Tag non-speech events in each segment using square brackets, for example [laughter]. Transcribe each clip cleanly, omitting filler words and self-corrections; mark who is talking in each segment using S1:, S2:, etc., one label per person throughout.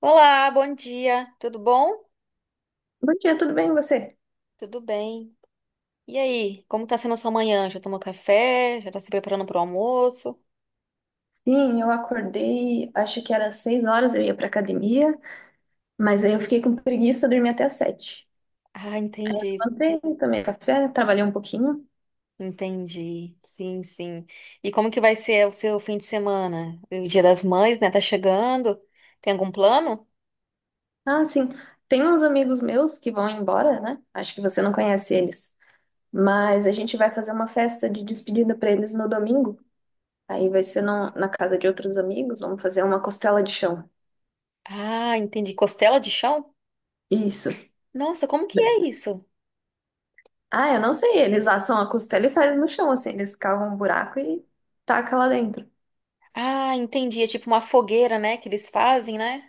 S1: Olá, bom dia. Tudo bom?
S2: Bom dia, tudo bem e você?
S1: Tudo bem? E aí, como tá sendo a sua manhã? Já tomou café? Já tá se preparando para o almoço?
S2: Sim, eu acordei, acho que era 6 horas, eu ia pra academia, mas aí eu fiquei com preguiça, dormi até às 7.
S1: Ah, entendi.
S2: Levantei, tomei café, trabalhei um pouquinho.
S1: Entendi. Sim, sim. E como que vai ser o seu fim de semana? O Dia das Mães, né? Tá chegando. Tem algum plano?
S2: Ah, sim, tem uns amigos meus que vão embora, né? Acho que você não conhece eles, mas a gente vai fazer uma festa de despedida pra eles no domingo. Aí vai ser na casa de outros amigos, vamos fazer uma costela de chão.
S1: Ah, entendi. Costela de chão?
S2: Isso.
S1: Nossa, como que é isso?
S2: Ah, eu não sei, eles assam a costela e fazem no chão, assim, eles cavam um buraco e tacam lá dentro.
S1: Ah, entendi. É tipo uma fogueira, né, que eles fazem, né?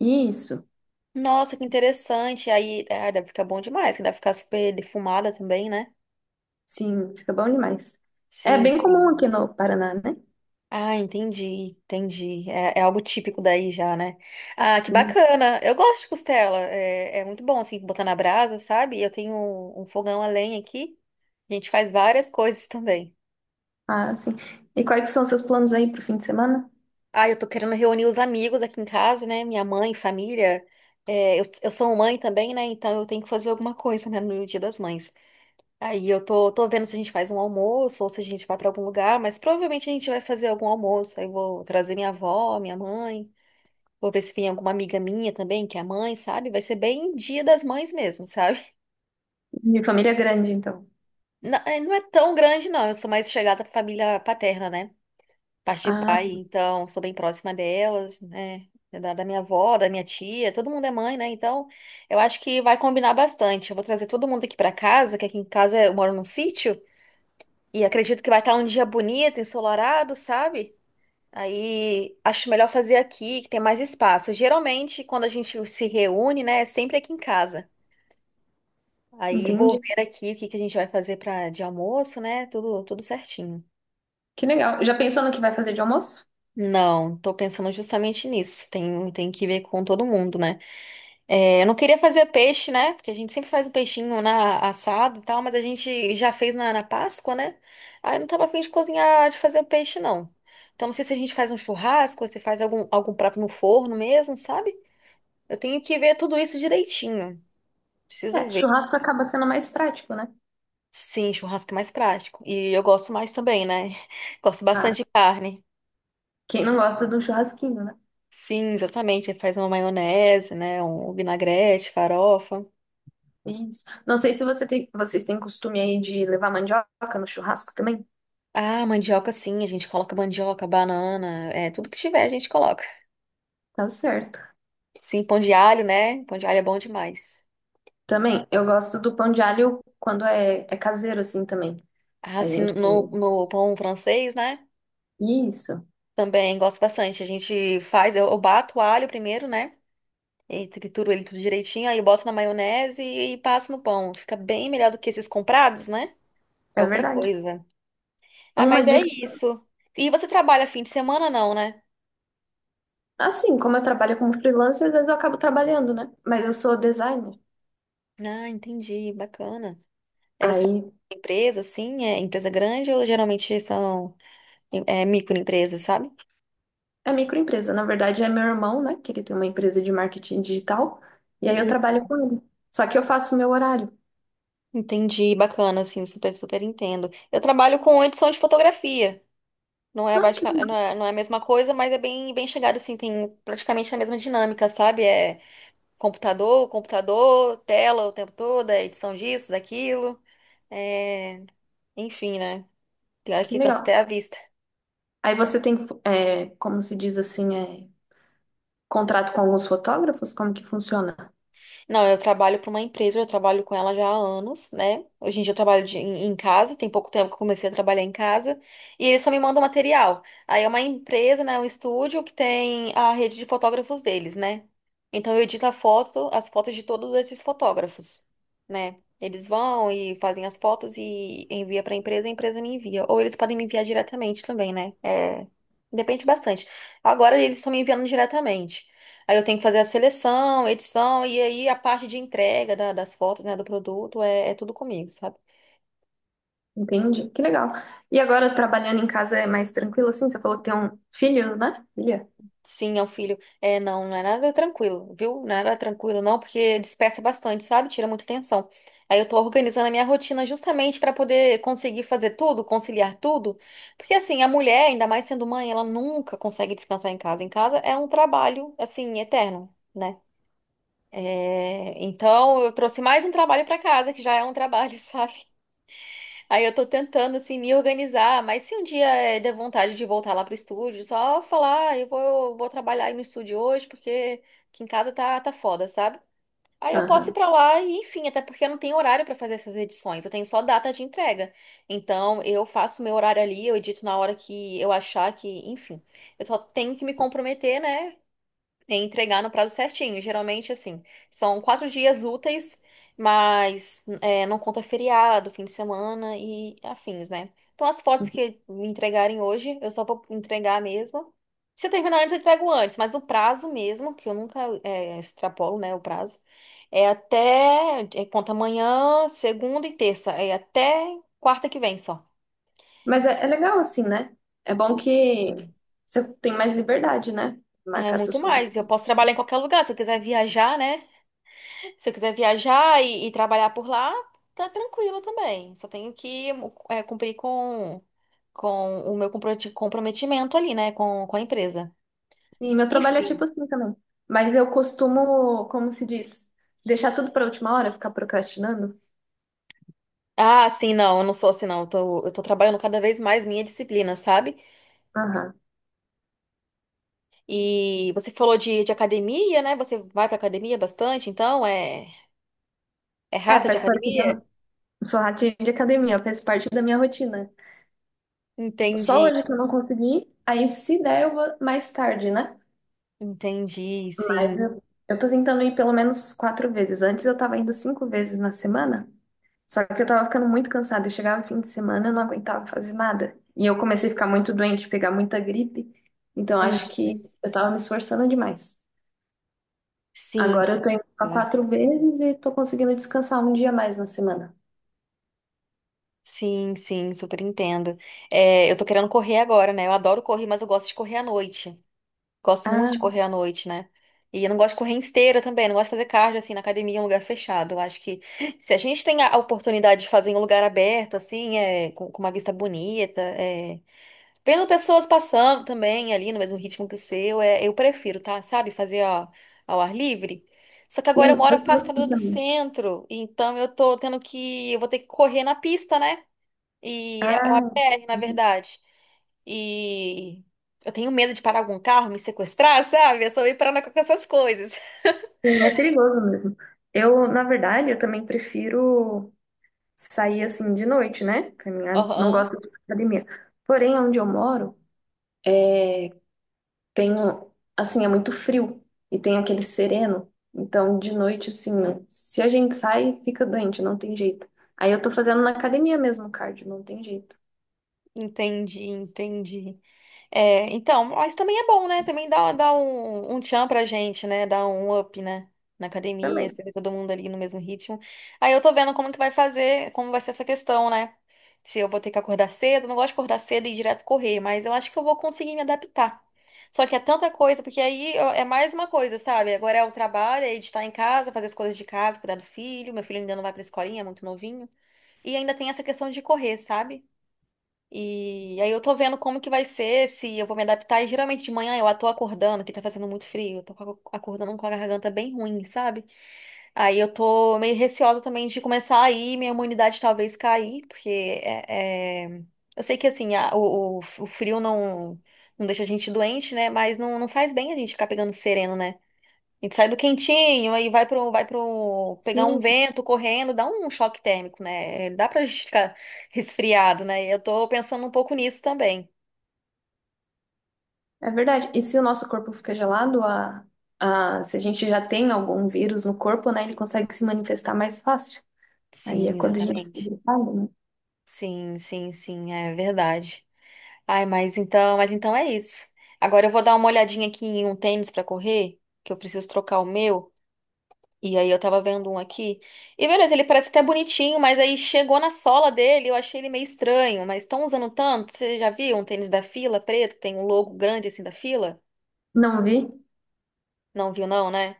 S2: Isso.
S1: Nossa, que interessante. Aí, ah, deve ficar bom demais, que deve ficar super defumada também, né?
S2: Sim, fica bom demais. É
S1: Sim,
S2: bem comum
S1: sim.
S2: aqui no Paraná, né?
S1: Ah, entendi, entendi. É, é algo típico daí já, né? Ah, que
S2: E,
S1: bacana. Eu gosto de costela. É, é muito bom, assim, botar na brasa, sabe? Eu tenho um fogão a lenha aqui. A gente faz várias coisas também.
S2: ah, sim. E quais são os seus planos aí pro fim de semana?
S1: Ah, eu tô querendo reunir os amigos aqui em casa, né? Minha mãe, família. É, eu sou mãe também, né? Então eu tenho que fazer alguma coisa, né? No Dia das Mães. Aí tô vendo se a gente faz um almoço ou se a gente vai pra algum lugar, mas provavelmente a gente vai fazer algum almoço. Aí eu vou trazer minha avó, minha mãe. Vou ver se vem alguma amiga minha também, que é mãe, sabe? Vai ser bem dia das mães mesmo, [laughs] sabe?
S2: Minha família é grande, então.
S1: Não, é não é tão grande, não. Eu sou mais chegada à família paterna, né? Parte de
S2: Ah,
S1: pai, então sou bem próxima delas, né? É da minha avó, da minha tia, todo mundo é mãe, né? Então, eu acho que vai combinar bastante. Eu vou trazer todo mundo aqui pra casa, que aqui em casa eu moro num sítio, e acredito que vai estar um dia bonito, ensolarado, sabe? Aí acho melhor fazer aqui, que tem mais espaço. Geralmente, quando a gente se reúne, né, é sempre aqui em casa. Aí vou
S2: entendi.
S1: ver aqui o que que a gente vai fazer para de almoço, né? Tudo, tudo certinho.
S2: Que legal. Já pensou no que vai fazer de almoço?
S1: Não, tô pensando justamente nisso. Tem que ver com todo mundo, né? É, eu não queria fazer peixe, né? Porque a gente sempre faz o peixinho na, assado e tal, mas a gente já fez na Páscoa, né? Aí eu não tava afim de cozinhar, de fazer o peixe, não. Então não sei se a gente faz um churrasco, ou se faz algum prato no forno mesmo, sabe? Eu tenho que ver tudo isso direitinho. Preciso
S2: É,
S1: ver.
S2: churrasco acaba sendo mais prático, né?
S1: Sim, churrasco é mais prático. E eu gosto mais também, né? [laughs] Gosto
S2: Ah,
S1: bastante de carne.
S2: quem não gosta de um churrasquinho, né?
S1: Sim, exatamente. Faz uma maionese, né? Um vinagrete, farofa.
S2: Isso. Não sei se você tem, vocês têm costume aí de levar mandioca no churrasco também.
S1: Ah, mandioca, sim. A gente coloca mandioca, banana, é, tudo que tiver a gente coloca.
S2: Tá certo.
S1: Sim, pão de alho, né? Pão de alho é bom demais.
S2: Também, eu gosto do pão de alho quando é, é caseiro, assim, também.
S1: Ah,
S2: A
S1: sim,
S2: gente...
S1: no pão francês, né?
S2: Isso,
S1: Também gosto bastante. A gente faz, eu bato o alho primeiro, né? E trituro ele tudo direitinho, aí eu boto na maionese e passo no pão. Fica bem melhor do que esses comprados, né? É
S2: é
S1: outra
S2: verdade.
S1: coisa. Ah,
S2: Uma
S1: mas é
S2: dica.
S1: isso. E você trabalha fim de semana, não, né?
S2: Assim, como eu trabalho como freelancer, às vezes eu acabo trabalhando, né? Mas eu sou designer.
S1: Ah, entendi. Bacana. Aí você trabalha
S2: Aí
S1: em empresa, assim, é empresa grande ou geralmente são microempresas, sabe?
S2: é microempresa. Na verdade, é meu irmão, né? Que ele tem uma empresa de marketing digital. E aí eu
S1: Hum,
S2: trabalho com ele. Só que eu faço o meu horário.
S1: entendi. Bacana, assim, super entendo. Eu trabalho com edição de fotografia.
S2: Ah, que legal,
S1: Não é a mesma coisa, mas é bem, bem chegado, assim, tem praticamente a mesma dinâmica, sabe? É computador, tela o tempo todo, é edição disso, daquilo. É... Enfim, né? Pior
S2: que
S1: que cansa
S2: legal.
S1: até a vista.
S2: Aí você tem, é, como se diz assim, é, contrato com alguns fotógrafos? Como que funciona?
S1: Não, eu trabalho para uma empresa, eu trabalho com ela já há anos, né? Hoje em dia eu trabalho em casa, tem pouco tempo que eu comecei a trabalhar em casa, e eles só me mandam material. Aí é uma empresa, né? Um estúdio que tem a rede de fotógrafos deles, né? Então eu edito a foto, as fotos de todos esses fotógrafos, né? Eles vão e fazem as fotos e envia para a empresa me envia. Ou eles podem me enviar diretamente também, né? É, depende bastante. Agora eles estão me enviando diretamente. Aí eu tenho que fazer a seleção, edição, e aí a parte de entrega das fotos, né, do produto, é, é tudo comigo, sabe?
S2: Entende? Que legal. E agora, trabalhando em casa é mais tranquilo, assim? Você falou que tem um filho, né? Filha?
S1: Sim, é um filho. É, não, não é nada tranquilo, viu? Não é nada tranquilo, não, porque dispersa bastante, sabe? Tira muita atenção. Aí eu tô organizando a minha rotina justamente pra poder conseguir fazer tudo, conciliar tudo. Porque, assim, a mulher, ainda mais sendo mãe, ela nunca consegue descansar em casa. Em casa é um trabalho, assim, eterno, né? É, então, eu trouxe mais um trabalho pra casa, que já é um trabalho, [laughs] sabe? Aí eu tô tentando, assim, me organizar, mas se um dia der vontade de voltar lá pro estúdio, só falar, "Ah, eu vou trabalhar aí no estúdio hoje, porque aqui em casa tá foda, sabe? Aí eu posso ir
S2: Aham.
S1: pra lá e, enfim, até porque eu não tenho horário pra fazer essas edições, eu tenho só data de entrega. Então, eu faço meu horário ali, eu edito na hora que eu achar que, enfim, eu só tenho que me comprometer, né? E entregar no prazo certinho. Geralmente, assim, são quatro dias úteis, mas não conta feriado, fim de semana e afins, né? Então, as fotos que me entregarem hoje, eu só vou entregar mesmo. Se eu terminar antes, eu entrego antes, mas o prazo mesmo, que eu nunca extrapolo, né, o prazo, é até, conta amanhã, segunda e terça, é até quarta que vem só.
S2: Mas é, é legal assim, né? É bom que você tem mais liberdade, né?
S1: É
S2: Marcar
S1: muito
S2: seus coisas.
S1: mais. Eu posso trabalhar em qualquer lugar. Se eu quiser viajar, né? Se eu quiser viajar e trabalhar por lá, tá tranquilo também. Só tenho que cumprir com o meu comprometimento ali, né, com a empresa.
S2: Sim, meu trabalho é tipo
S1: Enfim.
S2: assim também. Mas eu costumo, como se diz, deixar tudo para última hora, ficar procrastinando.
S1: Ah, sim, não, eu não sou assim, não. Eu tô trabalhando cada vez mais minha disciplina, sabe?
S2: Aham.
S1: E você falou de academia, né? Você vai pra academia bastante, então é
S2: É,
S1: rata de
S2: faz parte
S1: academia?
S2: da. Sou ratinho de academia, faz parte da minha rotina. Só
S1: Entendi,
S2: hoje que eu não consegui, aí se der eu vou mais tarde, né?
S1: entendi,
S2: Mas
S1: sim.
S2: eu tô tentando ir pelo menos 4 vezes. Antes eu tava indo 5 vezes na semana. Só que eu tava ficando muito cansada. Eu chegava no fim de semana, eu não aguentava fazer nada. E eu comecei a ficar muito doente, pegar muita gripe. Então acho que
S1: Uhum.
S2: eu tava me esforçando demais.
S1: Sim.
S2: Agora eu tô indo só 4 vezes e tô conseguindo descansar um dia a mais na semana.
S1: Sim, sim, super entendo. É, eu tô querendo correr agora, né? Eu adoro correr, mas eu gosto de correr à noite. Gosto muito
S2: Ah,
S1: de correr à noite, né? E eu não gosto de correr em esteira também, não gosto de fazer cardio assim na academia em um lugar fechado. Eu acho que se a gente tem a oportunidade de fazer em um lugar aberto, assim, é, com uma vista bonita, é, vendo pessoas passando também ali no mesmo ritmo que o seu, é, eu prefiro, tá? Sabe? Fazer ó, ao ar livre. Só que agora eu
S2: sim,
S1: moro
S2: eu tô
S1: afastada
S2: assim
S1: do
S2: também.
S1: centro, então eu tô tendo que, eu vou ter que correr na pista, né? E é uma
S2: Ah,
S1: BR, na
S2: entendi.
S1: verdade. E eu tenho medo de parar algum carro, me sequestrar, sabe? Eu sou ir parando com essas coisas.
S2: Sim, é perigoso mesmo. Eu, na verdade, eu também prefiro sair assim de noite, né?
S1: [laughs]
S2: Caminhar, não
S1: Aham.
S2: gosto de academia. Porém, onde eu moro, tem um, assim, é muito frio e tem aquele sereno. Então, de noite, assim, se a gente sai, fica doente, não tem jeito. Aí eu tô fazendo na academia mesmo cardio, não tem jeito.
S1: Entendi, entendi. É, então, mas também é bom, né? Também dá um tchan pra gente, né? Dá um up, né? Na academia,
S2: Também.
S1: você vê todo mundo ali no mesmo ritmo. Aí eu tô vendo como que vai fazer, como vai ser essa questão, né? Se eu vou ter que acordar cedo, eu não gosto de acordar cedo e ir direto correr, mas eu acho que eu vou conseguir me adaptar. Só que é tanta coisa, porque aí ó, é mais uma coisa, sabe? Agora é o trabalho, é de estar em casa, fazer as coisas de casa, cuidar do filho. Meu filho ainda não vai pra escolinha, é muito novinho. E ainda tem essa questão de correr, sabe? E aí eu tô vendo como que vai ser, se eu vou me adaptar. E geralmente de manhã eu tô acordando, que tá fazendo muito frio, eu tô acordando com a garganta bem ruim, sabe? Aí eu tô meio receosa também de começar a ir, minha imunidade talvez cair, porque eu sei que assim, o frio não, não deixa a gente doente, né? Mas não, não faz bem a gente ficar pegando sereno, né? A gente sai do quentinho, aí vai pro pegar um
S2: Sim,
S1: vento correndo, dá um choque térmico, né? Dá pra gente ficar [laughs] resfriado, né? Eu tô pensando um pouco nisso também.
S2: é verdade. E se o nosso corpo fica gelado, se a gente já tem algum vírus no corpo, né, ele consegue se manifestar mais fácil. Aí é
S1: Sim,
S2: quando a gente fica
S1: exatamente.
S2: gripado, né?
S1: Sim, sim, sim, é verdade. Ai, mas então é isso. Agora eu vou dar uma olhadinha aqui em um tênis pra correr, que eu preciso trocar o meu. E aí eu tava vendo um aqui. E beleza, ele parece até bonitinho, mas aí chegou na sola dele, eu achei ele meio estranho. Mas estão usando tanto? Você já viu um tênis da Fila preto, que tem um logo grande assim da Fila?
S2: Não vi?
S1: Não viu não, né?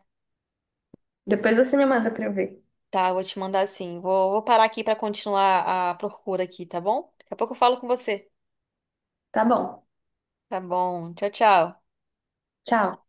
S2: Depois você me manda pra eu ver.
S1: Tá, eu vou te mandar assim. Vou parar aqui pra continuar a procura aqui, tá bom? Daqui a pouco eu falo com você.
S2: Tá bom.
S1: Tá bom. Tchau, tchau.
S2: Tchau.